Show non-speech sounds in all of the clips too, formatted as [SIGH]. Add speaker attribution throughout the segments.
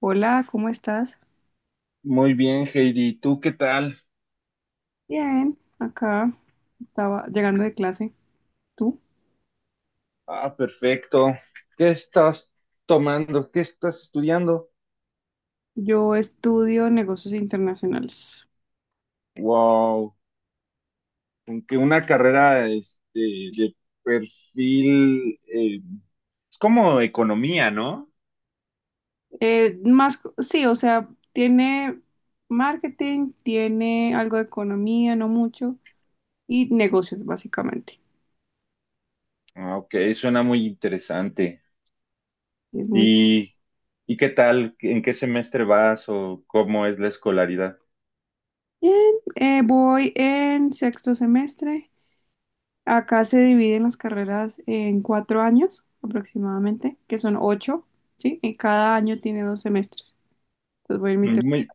Speaker 1: Hola, ¿cómo estás?
Speaker 2: Muy bien, Heidi. ¿Tú qué tal?
Speaker 1: Bien, acá estaba llegando de clase. ¿Tú?
Speaker 2: Ah, perfecto. ¿Qué estás tomando? ¿Qué estás estudiando?
Speaker 1: Yo estudio negocios internacionales.
Speaker 2: Wow, aunque una carrera de perfil es como economía, ¿no?
Speaker 1: Más, sí, o sea, tiene marketing, tiene algo de economía, no mucho, y negocios, básicamente.
Speaker 2: Ah, ok, suena muy interesante.
Speaker 1: Es muy
Speaker 2: ¿Y, y qué tal? ¿En qué semestre vas o cómo es la escolaridad?
Speaker 1: bien. Voy en sexto semestre. Acá se dividen las carreras en 4 años aproximadamente, que son 8, ¿sí? Y cada año tiene 2 semestres. Entonces voy en mi.
Speaker 2: Muy,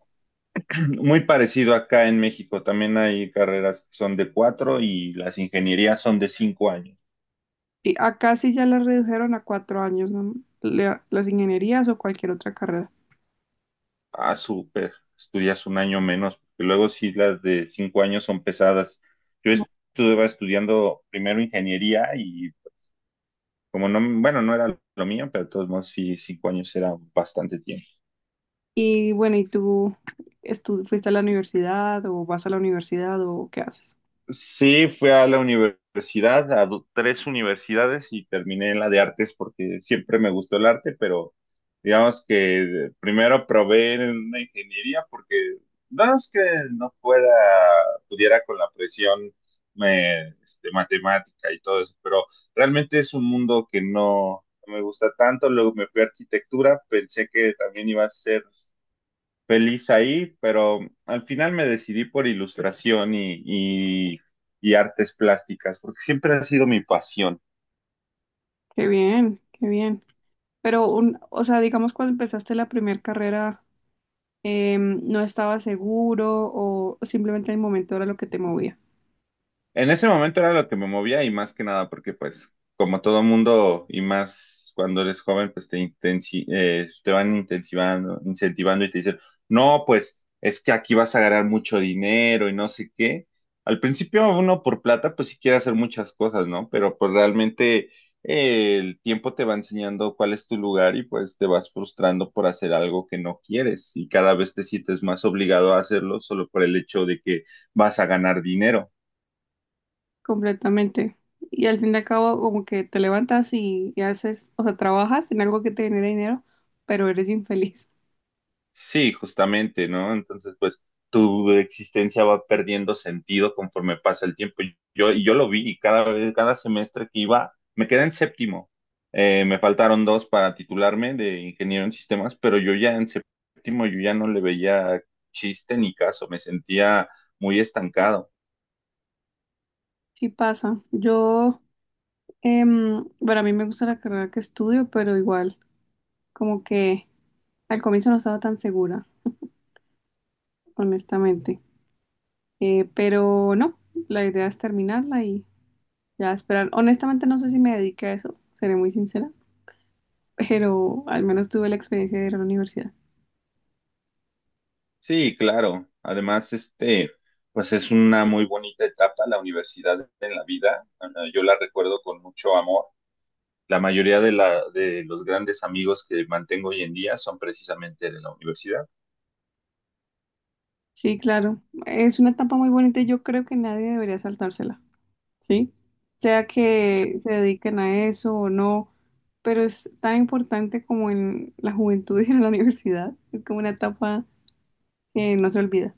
Speaker 2: [CLEARS THROAT] muy parecido acá en México. También hay carreras que son de cuatro y las ingenierías son de cinco años.
Speaker 1: Y acá sí ya la redujeron a 4 años, ¿no? La- las ingenierías o cualquier otra carrera.
Speaker 2: Ah, súper. Estudias un año menos, porque luego sí las de cinco años son pesadas. Yo estuve estudiando primero ingeniería y como no, bueno, no era lo mío, pero de todos modos sí, cinco años era bastante tiempo.
Speaker 1: Y bueno, ¿y tú fuiste a la universidad o vas a la universidad o qué haces?
Speaker 2: Sí, fui a la universidad, a tres universidades y terminé en la de artes porque siempre me gustó el arte, pero digamos que primero probé en una ingeniería porque no es que no pueda, pudiera con la presión matemática y todo eso, pero realmente es un mundo que no me gusta tanto. Luego me fui a arquitectura, pensé que también iba a ser feliz ahí, pero al final me decidí por ilustración y, y artes plásticas, porque siempre ha sido mi pasión.
Speaker 1: Qué bien, qué bien. Pero, un, o sea, digamos cuando empezaste la primera carrera, ¿no estabas seguro o simplemente el momento era lo que te movía?
Speaker 2: En ese momento era lo que me movía y más que nada porque pues como todo mundo y más cuando eres joven pues te van intensivando, incentivando y te dicen, no, pues es que aquí vas a ganar mucho dinero y no sé qué. Al principio uno por plata pues sí quiere hacer muchas cosas, ¿no? Pero pues realmente el tiempo te va enseñando cuál es tu lugar y pues te vas frustrando por hacer algo que no quieres y cada vez te sientes más obligado a hacerlo solo por el hecho de que vas a ganar dinero.
Speaker 1: Completamente. Y al fin y al cabo, como que te levantas y haces, o sea, trabajas en algo que te genera dinero, pero eres infeliz.
Speaker 2: Sí, justamente, ¿no? Entonces, pues tu existencia va perdiendo sentido conforme pasa el tiempo. Y yo lo vi y cada vez, cada semestre que iba, me quedé en séptimo. Me faltaron dos para titularme de ingeniero en sistemas, pero yo ya en séptimo, yo ya no le veía chiste ni caso, me sentía muy estancado.
Speaker 1: Sí pasa. Yo, bueno, a mí me gusta la carrera que estudio, pero igual, como que al comienzo no estaba tan segura, honestamente. Pero no, la idea es terminarla y ya esperar. Honestamente no sé si me dediqué a eso, seré muy sincera, [LAUGHS] pero al menos tuve la experiencia de ir a la universidad.
Speaker 2: Sí, claro. Además, pues es una muy bonita etapa la universidad en la vida. Yo la recuerdo con mucho amor. La mayoría de, la, De los grandes amigos que mantengo hoy en día son precisamente de la universidad.
Speaker 1: Sí, claro, es una etapa muy bonita y yo creo que nadie debería saltársela. ¿Sí? Sea que se dediquen a eso o no, pero es tan importante como en la juventud [LAUGHS] y en la universidad. Es como una etapa que no se olvida.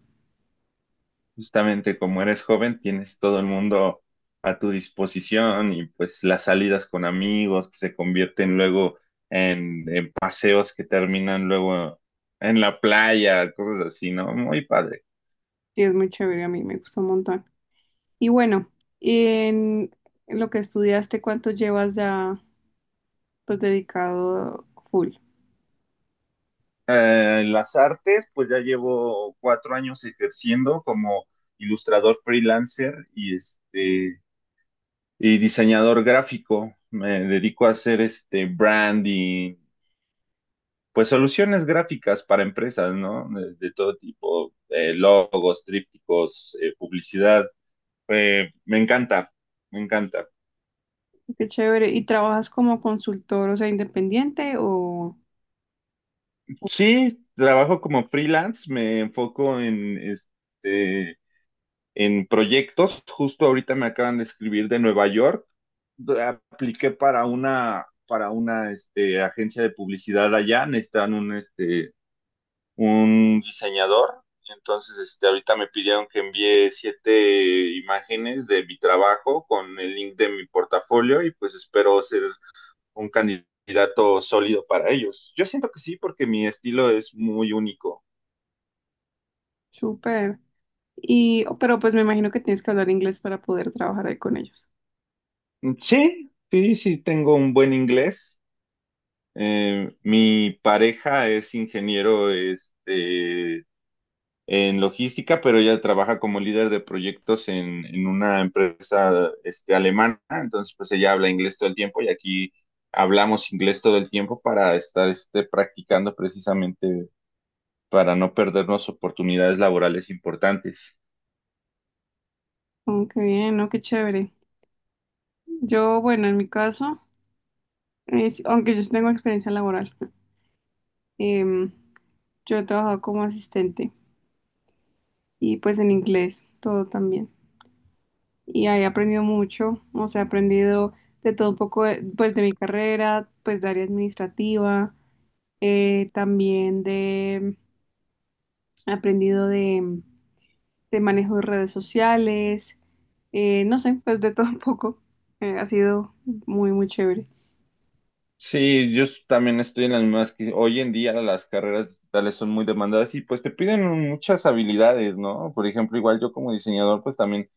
Speaker 2: Justamente como eres joven, tienes todo el mundo a tu disposición y pues las salidas con amigos que se convierten luego en paseos que terminan luego en la playa, cosas así, ¿no? Muy padre.
Speaker 1: Y es muy chévere, a mí me gustó un montón. Y bueno, en lo que estudiaste, ¿cuánto llevas ya pues dedicado full?
Speaker 2: En las artes, pues ya llevo cuatro años ejerciendo como ilustrador freelancer y y diseñador gráfico. Me dedico a hacer este branding, pues soluciones gráficas para empresas, ¿no? De todo tipo, logos, trípticos, publicidad. Me encanta, me encanta.
Speaker 1: Qué chévere. ¿Y trabajas como consultor, o sea, independiente o
Speaker 2: Sí, trabajo como freelance, me enfoco en en proyectos. Justo ahorita me acaban de escribir de Nueva York. Apliqué para una este, agencia de publicidad allá, necesitan un un diseñador. Entonces, este, ahorita me pidieron que envíe siete imágenes de mi trabajo con el link de mi portafolio y pues espero ser un candidato sólido para ellos. Yo siento que sí, porque mi estilo es muy único.
Speaker 1: súper? Y, pero pues me imagino que tienes que hablar inglés para poder trabajar ahí con ellos.
Speaker 2: Mm, sí, sí, sí, tengo un buen inglés. Mi pareja es ingeniero, en logística, pero ella trabaja como líder de proyectos en una empresa este, alemana, entonces pues ella habla inglés todo el tiempo y aquí hablamos inglés todo el tiempo para estar este, practicando precisamente para no perdernos oportunidades laborales importantes.
Speaker 1: Oh, qué bien, ¿no? Qué chévere. Yo, bueno, en mi caso, aunque yo sí tengo experiencia laboral, em, yo he trabajado como asistente y pues en inglés, todo también. Y ahí he aprendido mucho, o sea, he aprendido de todo un poco, pues de mi carrera, pues de área administrativa, también de, he aprendido de manejo de redes sociales, no sé, pues de todo un poco. Ha sido muy, muy chévere.
Speaker 2: Sí, yo también estoy en las mismas que hoy en día las carreras digitales son muy demandadas y pues te piden muchas habilidades, ¿no? Por ejemplo, igual yo como diseñador pues también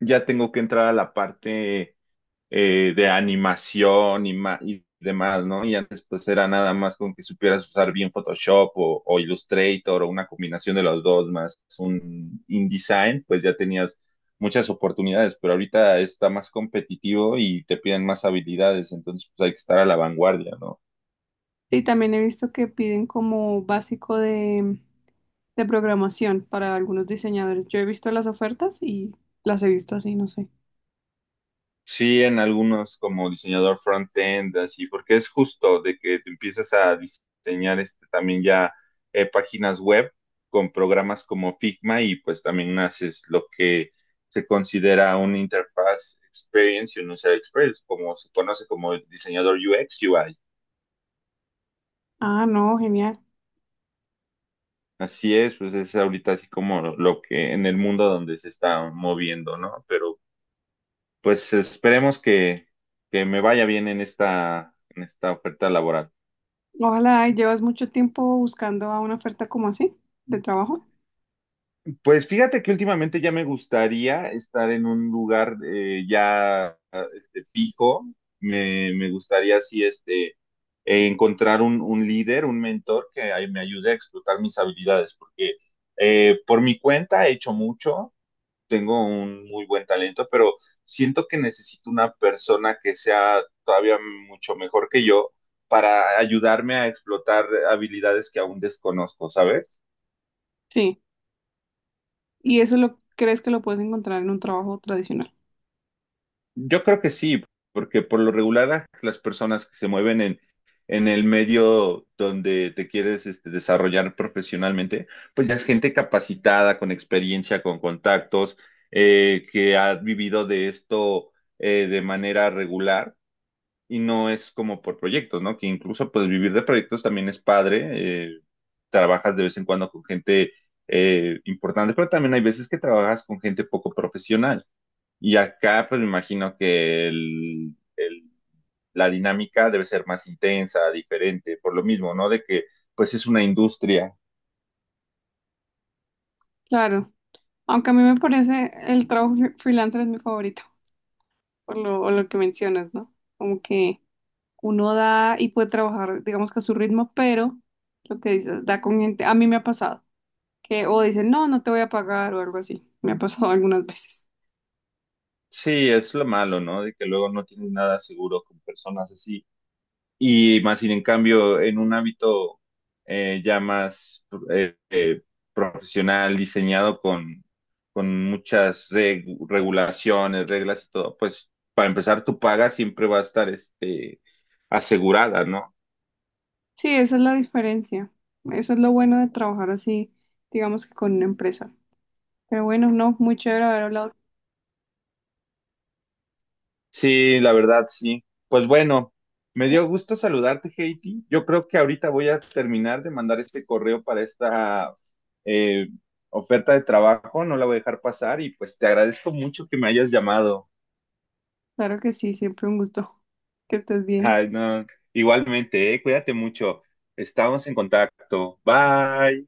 Speaker 2: ya tengo que entrar a la parte de animación y demás, ¿no? Y antes pues era nada más con que supieras usar bien Photoshop o Illustrator o una combinación de los dos más un InDesign, pues ya tenías muchas oportunidades, pero ahorita está más competitivo y te piden más habilidades, entonces pues hay que estar a la vanguardia, ¿no?
Speaker 1: Y también he visto que piden como básico de programación para algunos diseñadores. Yo he visto las ofertas y las he visto así, no sé.
Speaker 2: Sí, en algunos como diseñador front-end, así, porque es justo de que te empiezas a diseñar este, también ya páginas web con programas como Figma y pues también haces lo que se considera un interfaz experience y un user experience, como se conoce como diseñador UX, UI.
Speaker 1: Ah, no, genial.
Speaker 2: Así es, pues es ahorita así como lo que en el mundo donde se está moviendo, ¿no? Pero pues esperemos que me vaya bien en en esta oferta laboral.
Speaker 1: Ojalá, y llevas mucho tiempo buscando a una oferta como así, de trabajo.
Speaker 2: Pues fíjate que últimamente ya me gustaría estar en un lugar ya este, fijo. Me gustaría así encontrar un líder, un mentor que me ayude a explotar mis habilidades, porque por mi cuenta he hecho mucho, tengo un muy buen talento, pero siento que necesito una persona que sea todavía mucho mejor que yo para ayudarme a explotar habilidades que aún desconozco, ¿sabes?
Speaker 1: Sí. Y eso lo crees que lo puedes encontrar en un trabajo tradicional.
Speaker 2: Yo creo que sí, porque por lo regular las personas que se mueven en el medio donde te quieres este, desarrollar profesionalmente, pues ya es gente capacitada, con experiencia, con contactos, que ha vivido de esto de manera regular y no es como por proyectos, ¿no? Que incluso pues vivir de proyectos también es padre, trabajas de vez en cuando con gente importante, pero también hay veces que trabajas con gente poco profesional. Y acá, pues me imagino que la dinámica debe ser más intensa, diferente, por lo mismo, ¿no? Pues es una industria.
Speaker 1: Claro. Aunque a mí me parece el trabajo freelancer es mi favorito, por lo, o lo que mencionas, ¿no? Como que uno da y puede trabajar, digamos que a su ritmo, pero lo que dices, da con gente. A mí me ha pasado, que o dicen, no, no te voy a pagar o algo así. Me ha pasado [LAUGHS] algunas veces.
Speaker 2: Sí, es lo malo, ¿no? De que luego no tienes nada seguro con personas así. Y más sin en cambio, en un ámbito ya más eh, eh, profesional, diseñado con muchas regulaciones, reglas y todo, pues para empezar, tu paga siempre va a estar este, asegurada, ¿no?
Speaker 1: Sí, esa es la diferencia. Eso es lo bueno de trabajar así, digamos que con una empresa. Pero bueno, no, muy chévere haber hablado
Speaker 2: Sí, la verdad, sí. Pues bueno, me
Speaker 1: contigo.
Speaker 2: dio gusto saludarte, Heidi. Yo creo que ahorita voy a terminar de mandar este correo para esta eh, oferta de trabajo. No la voy a dejar pasar y pues te agradezco mucho que me hayas llamado.
Speaker 1: Claro que sí, siempre un gusto. Que estés bien.
Speaker 2: Ay, no. Igualmente, cuídate mucho. Estamos en contacto. Bye.